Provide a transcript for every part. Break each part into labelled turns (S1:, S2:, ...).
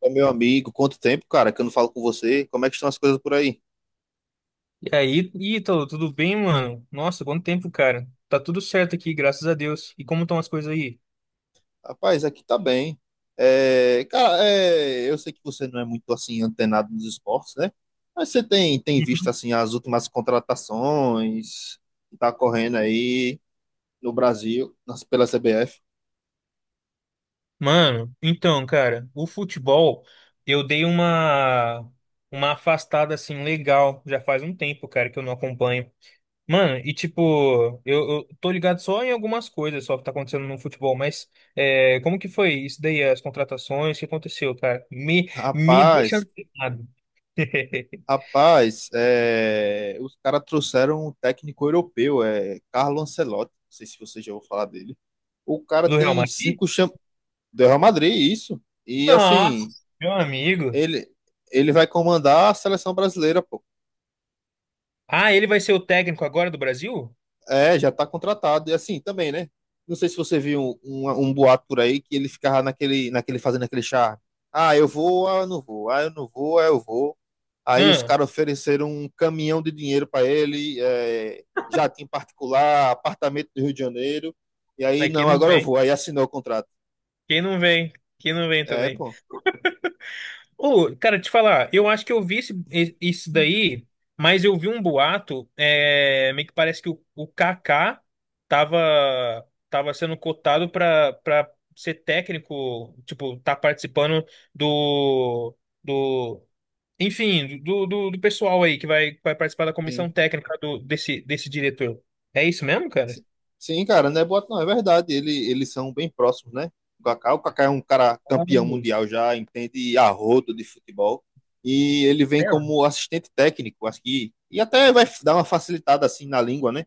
S1: Ô, meu amigo, quanto tempo, cara, que eu não falo com você? Como é que estão as coisas por aí?
S2: E aí, Ítalo, tudo bem, mano? Nossa, quanto tempo, cara. Tá tudo certo aqui, graças a Deus. E como estão as coisas aí?
S1: Rapaz, aqui tá bem. Cara, eu sei que você não é muito assim antenado nos esportes, né? Mas você tem visto
S2: Uhum.
S1: assim as últimas contratações que tá correndo aí no Brasil, nas- pela CBF?
S2: Mano, então, cara, o futebol, eu dei uma afastada assim legal, já faz um tempo, cara, que eu não acompanho. Mano, e tipo, eu tô ligado só em algumas coisas só que tá acontecendo no futebol, mas é, como que foi isso daí, as contratações, o que aconteceu, cara? Me deixa
S1: Rapaz,
S2: antenado.
S1: rapaz, é, os caras trouxeram um técnico europeu, é Carlo Ancelotti. Não sei se você já ouviu falar dele. O cara
S2: Do Real
S1: tem
S2: Madrid?
S1: cinco cham... do Real Madrid, isso. E
S2: Nossa,
S1: assim,
S2: meu amigo.
S1: Ele, ele vai comandar a seleção brasileira, pô.
S2: Ah, ele vai ser o técnico agora do Brasil?
S1: É, já tá contratado. E assim também, né? Não sei se você viu um boato por aí que ele ficava naquele fazendo aquele charme. Ah, eu vou, ah, eu não vou, ah, eu não vou, ah, eu vou. Aí os
S2: Ah,
S1: caras ofereceram um caminhão de dinheiro para ele, é, jatinho particular, apartamento do Rio de Janeiro. E aí,
S2: aí quem
S1: não,
S2: não
S1: agora eu
S2: vem?
S1: vou. Aí assinou o contrato.
S2: Quem não vem? Quem não vem
S1: É,
S2: também?
S1: pô.
S2: Ô, cara, te falar, eu acho que eu vi isso daí, mas eu vi um boato, é, meio que parece que o, Kaká tava, tava sendo cotado pra, pra ser técnico, tipo, tá participando do, do, enfim, do, do pessoal aí que vai participar da comissão
S1: Sim.
S2: técnica do, desse, desse diretor. É isso mesmo, cara?
S1: Sim, cara, não é boato, não, é verdade. Ele, eles são bem próximos, né? O Kaká é um cara
S2: Ah,
S1: campeão mundial já, entende a rodo de futebol. E ele vem
S2: é.
S1: como assistente técnico, acho que. E até vai dar uma facilitada assim na língua, né?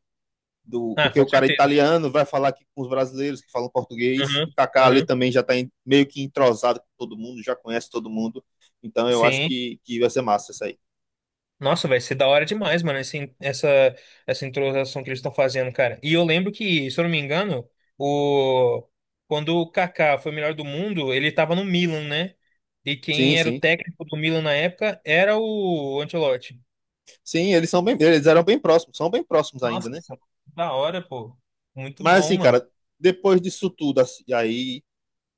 S1: Do,
S2: Ah,
S1: porque
S2: com
S1: o cara é
S2: certeza.
S1: italiano vai falar aqui com os brasileiros que falam português.
S2: Aham,
S1: E Kaká ali
S2: aham.
S1: também já tá em- meio que entrosado com todo mundo, já conhece todo mundo. Então eu acho
S2: Sim.
S1: que vai ser massa isso aí.
S2: Nossa, vai ser da hora demais, mano, esse, essa introdução que eles estão fazendo, cara. E eu lembro que, se eu não me engano, o... quando o Kaká foi o melhor do mundo, ele tava no Milan, né? E
S1: Sim,
S2: quem era o
S1: sim.
S2: técnico do Milan na época era o Ancelotti.
S1: Sim, eles são bem, eles eram bem próximos, são bem próximos ainda, né?
S2: Nossa, da hora, pô. Muito
S1: Mas
S2: bom,
S1: assim,
S2: mano.
S1: cara, depois disso tudo, assim, aí,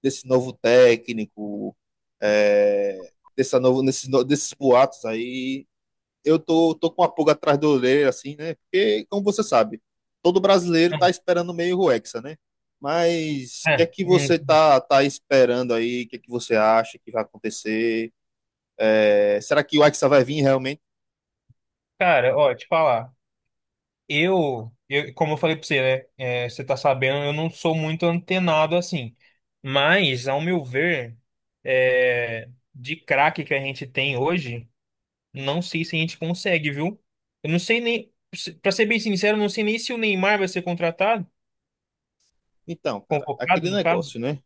S1: desse novo técnico, é, dessa novo, nesses, no- desses boatos aí, eu tô com uma pulga atrás da orelha, assim, né? Porque, como você sabe, todo brasileiro
S2: É,
S1: tá esperando meio o Hexa, né? Mas o que é
S2: é.
S1: que você
S2: Hum.
S1: tá esperando aí? O que é que você acha que vai acontecer? É, será que o Hexa vai vir realmente?
S2: Cara, ó, te falar. Como eu falei pra você, né? É, você tá sabendo, eu não sou muito antenado assim. Mas, ao meu ver, é, de craque que a gente tem hoje, não sei se a gente consegue, viu? Eu não sei nem, pra ser bem sincero, eu não sei nem se o Neymar vai ser contratado,
S1: Então, cara,
S2: convocado,
S1: aquele
S2: no
S1: negócio,
S2: caso.
S1: né?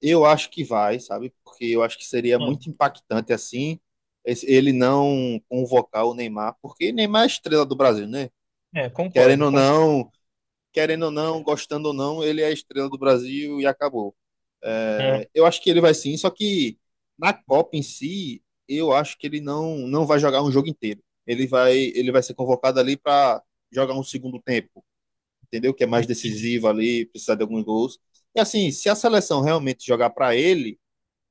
S1: Eu acho que vai, sabe? Porque eu acho que seria muito
S2: Não,
S1: impactante assim esse- ele não convocar o Neymar, porque Neymar é a estrela do Brasil, né?
S2: é,
S1: Querendo
S2: concordo.
S1: ou
S2: Con...
S1: não, querendo ou não, gostando ou não, ele é a estrela do Brasil e acabou. É, eu acho que ele vai sim, só que na Copa em si, eu acho que ele não vai jogar um jogo inteiro. Ele vai ser convocado ali para jogar um segundo tempo, entendeu? Que é mais decisivo ali, precisar de alguns gols. E assim, se a seleção realmente jogar para ele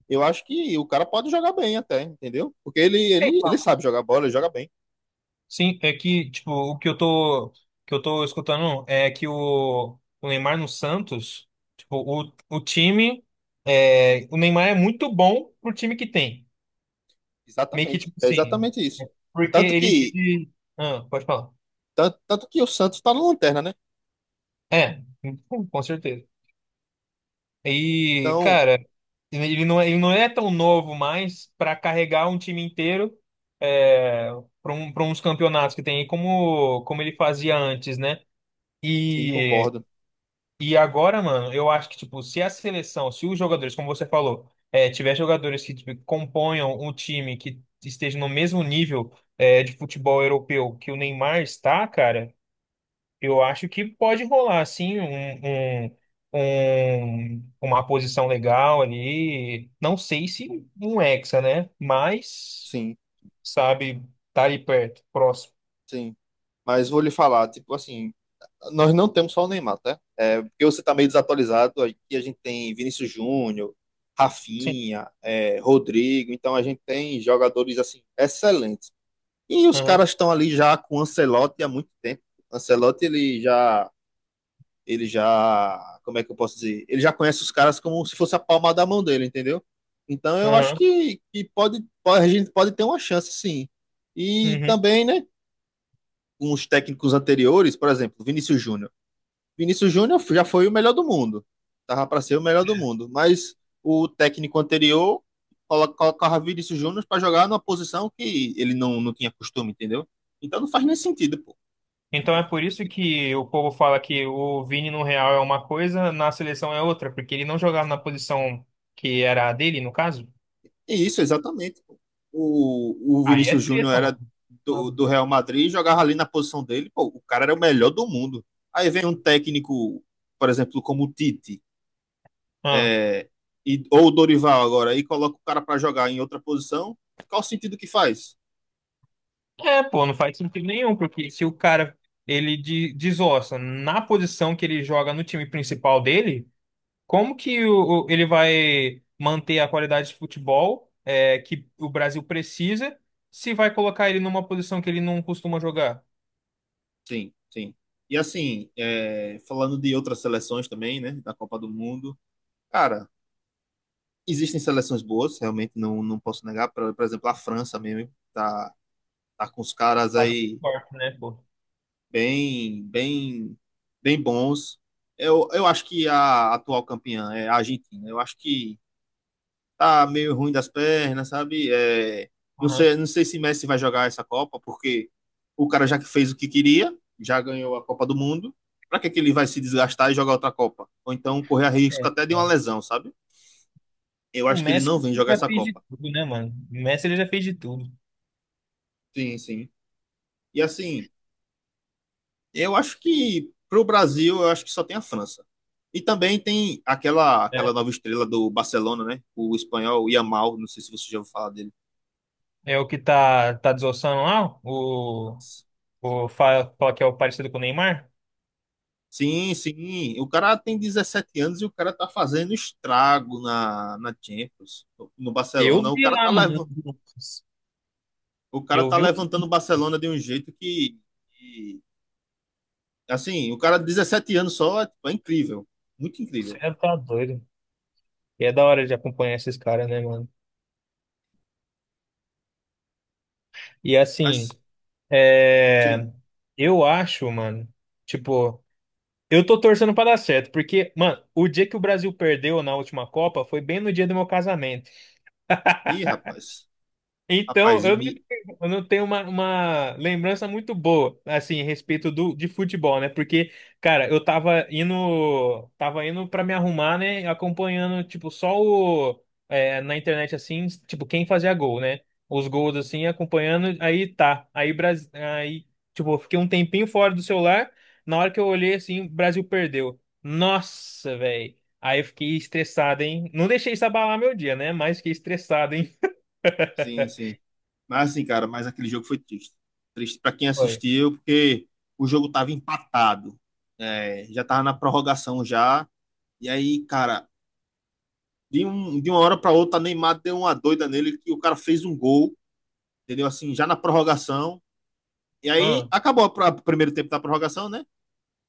S1: eu acho que o cara pode jogar bem até, entendeu? Porque ele
S2: Aham.
S1: sabe jogar bola, ele joga bem.
S2: Sim, é que, tipo, o que eu tô escutando é que o, Neymar no Santos, tipo, o, time, é, o Neymar é muito bom pro time que tem. Meio que,
S1: Exatamente.
S2: tipo
S1: É
S2: assim,
S1: exatamente isso.
S2: porque
S1: Tanto que,
S2: ah, pode falar.
S1: tanto que o Santos tá na lanterna, né?
S2: É, com certeza. E,
S1: Então,
S2: cara, ele não é tão novo mais pra carregar um time inteiro, é, para uns campeonatos que tem aí, como, como ele fazia antes, né?
S1: sim,
S2: E
S1: concordo.
S2: E agora, mano, eu acho que, tipo, se a seleção, se os jogadores, como você falou, é, tiver jogadores que tipo, componham um time que esteja no mesmo nível, é, de futebol europeu que o Neymar está, cara, eu acho que pode rolar, assim, um, um- uma posição legal ali. Não sei se um hexa, né? Mas,
S1: Sim,
S2: sabe, tá ali perto, próximo.
S1: sim. Mas vou lhe falar, tipo assim, nós não temos só o Neymar, tá? É, porque você tá meio desatualizado, aqui a gente tem Vinícius Júnior,
S2: Sim.
S1: Rafinha, é, Rodrigo, então a gente tem jogadores, assim, excelentes. E os
S2: Aham,
S1: caras estão ali já com o Ancelotti há muito tempo. Ancelotti, ele já, como é que eu posso dizer? Ele já conhece os caras como se fosse a palma da mão dele, entendeu? Então eu acho
S2: aham,
S1: que pode, a gente pode ter uma chance, sim. E
S2: uhum.
S1: também, né, com os técnicos anteriores, por exemplo, Vinícius Júnior. Vinícius Júnior já foi o melhor do mundo. Tava para ser o melhor do mundo, mas o técnico anterior colo- colocava Vinícius Júnior para jogar numa posição que ele não tinha costume, entendeu? Então não faz nem sentido, pô.
S2: Então é por isso que o povo fala que o Vini no Real é uma coisa, na seleção é outra, porque ele não jogava na posição que era a dele, no caso.
S1: Isso, exatamente. Pô. O
S2: Aí é
S1: Vinícius Júnior
S2: treta, mano.
S1: era do Real Madrid, e jogava ali na posição dele, pô, o cara era o melhor do mundo. Aí vem um técnico, por exemplo, como o Tite,
S2: Ah.
S1: é, e, ou o Dorival agora, e coloca o cara para jogar em outra posição, qual o sentido que faz?
S2: É, pô, não faz sentido nenhum, porque se o cara ele desossa na posição que ele joga no time principal dele, como que ele vai manter a qualidade de futebol é, que o Brasil precisa se vai colocar ele numa posição que ele não costuma jogar?
S1: Sim, sim. E assim, é, falando de outras seleções também, né, da Copa do Mundo, cara, existem seleções boas, realmente não, não posso negar, por exemplo, a França mesmo, tá, tá com os caras
S2: Sabe?
S1: aí
S2: Forte, né, pô?
S1: bem, bem bons. Eu acho que a atual campeã é a Argentina. Eu acho que tá meio ruim das pernas, sabe? É, não
S2: Aham.
S1: sei, não sei se Messi vai jogar essa Copa, porque o cara já que fez o que queria, já ganhou a Copa do Mundo. Para que que ele vai se desgastar e jogar outra Copa? Ou então correr a
S2: É.
S1: risco até de uma
S2: É.
S1: lesão, sabe? Eu
S2: O
S1: acho que ele
S2: Messi
S1: não vem
S2: ele
S1: jogar
S2: já
S1: essa
S2: fez de
S1: Copa.
S2: tudo, né, mano? O Messi ele já fez de tudo.
S1: Sim, sim. E assim, eu acho que pro Brasil, eu acho que só tem a França. E também tem aquela
S2: Né?
S1: aquela nova estrela do Barcelona, né? O espanhol Yamal, não sei se você já ouviu falar dele.
S2: É, o que tá, tá desossando lá, o fala, fala que é o parecido com o Neymar.
S1: Sim, sim. O cara tem 17 anos e o cara tá fazendo estrago na, na Champions, no
S2: Eu
S1: Barcelona. O
S2: vi
S1: cara tá
S2: lá, mano.
S1: levando, o cara
S2: Eu
S1: tá
S2: vi um.
S1: levantando o Barcelona de um jeito que- assim, o cara de 17 anos só é, é incrível, muito
S2: Você
S1: incrível.
S2: tá doido. E é da hora de acompanhar esses caras, né, mano? E assim,
S1: Mas sim.
S2: é, eu acho, mano, tipo, eu tô torcendo pra dar certo, porque, mano, o dia que o Brasil perdeu na última Copa foi bem no dia do meu casamento.
S1: Ih, rapaz.
S2: Então,
S1: Rapaz, e
S2: eu não
S1: me,
S2: tenho eu não tenho uma lembrança muito boa, assim, a respeito do, de futebol, né? Porque, cara, eu tava indo pra me arrumar, né? Acompanhando, tipo, só o, é, na internet, assim, tipo, quem fazia gol, né? Os gols, assim, acompanhando, aí tá. Aí, Brasil, aí, tipo, eu fiquei um tempinho fora do celular. Na hora que eu olhei, assim, o Brasil perdeu. Nossa, velho. Aí eu fiquei estressado, hein? Não deixei isso abalar meu dia, né? Mas fiquei estressado, hein?
S1: sim, sim. Mas assim, cara, mas aquele jogo foi triste. Triste para quem assistiu, porque o jogo tava empatado. É, já tava na prorrogação já. E aí, cara, de, um, de uma hora para outra, Neymar deu uma doida nele que o cara fez um gol, entendeu? Assim, já na prorrogação. E aí
S2: Foi.
S1: acabou a- o primeiro tempo da prorrogação, né?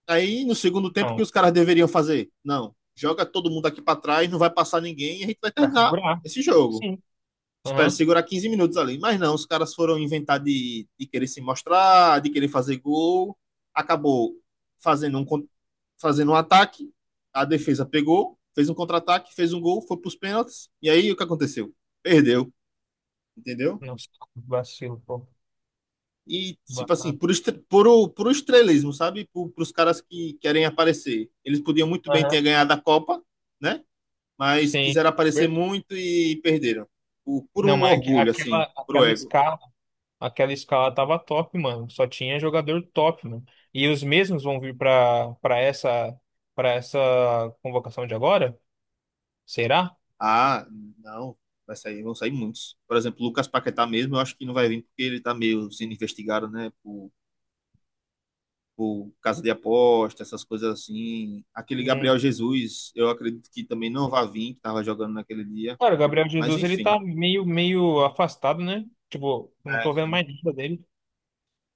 S1: Aí no segundo tempo, o que
S2: Não,
S1: os caras deveriam fazer? Não, joga todo mundo aqui para trás, não vai passar ninguém e a gente vai
S2: pra
S1: terminar
S2: segurar.
S1: esse jogo.
S2: Sim.
S1: Espero
S2: Aham.
S1: segurar 15 minutos ali. Mas não, os caras foram inventar de querer se mostrar, de querer fazer gol. Acabou fazendo um, fazendo um ataque, a defesa pegou, fez um contra-ataque, fez um gol, foi para os pênaltis. E aí o que aconteceu? Perdeu, entendeu?
S2: Nossa, que vacilo, pô.
S1: E, tipo assim,
S2: Bacana.
S1: por, estre- por o estrelismo, sabe? Para os caras que querem aparecer. Eles podiam muito bem
S2: Aham.
S1: ter ganhado a Copa, né? Mas
S2: Sim.
S1: quiseram aparecer
S2: Verdade.
S1: muito e perderam. Por
S2: Não,
S1: o
S2: mas
S1: orgulho, assim,
S2: aquela,
S1: por o ego.
S2: aquela escala tava top, mano. Só tinha jogador top, mano. E os mesmos vão vir pra, pra essa convocação de agora? Será?
S1: Ah, não. Vai sair, vão sair muitos. Por exemplo, Lucas Paquetá mesmo, eu acho que não vai vir porque ele tá meio sendo investigado, né? Por casa de aposta, essas coisas assim. Aquele Gabriel
S2: Hum.
S1: Jesus, eu acredito que também não vai vir, que tava jogando naquele dia.
S2: Cara, o Gabriel
S1: Mas
S2: Jesus, ele
S1: enfim.
S2: tá meio, meio afastado, né? Tipo, não
S1: É,
S2: tô vendo
S1: sim.
S2: mais nada dele.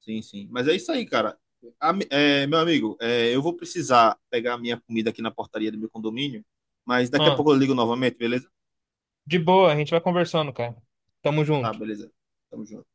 S1: Sim, sim. Mas é isso aí, cara. Ami- é, meu amigo, é, eu vou precisar pegar a minha comida aqui na portaria do meu condomínio, mas daqui a
S2: Ah,
S1: pouco eu ligo novamente, beleza?
S2: de boa, a gente vai conversando, cara. Tamo
S1: Tá,
S2: junto.
S1: beleza. Tamo junto.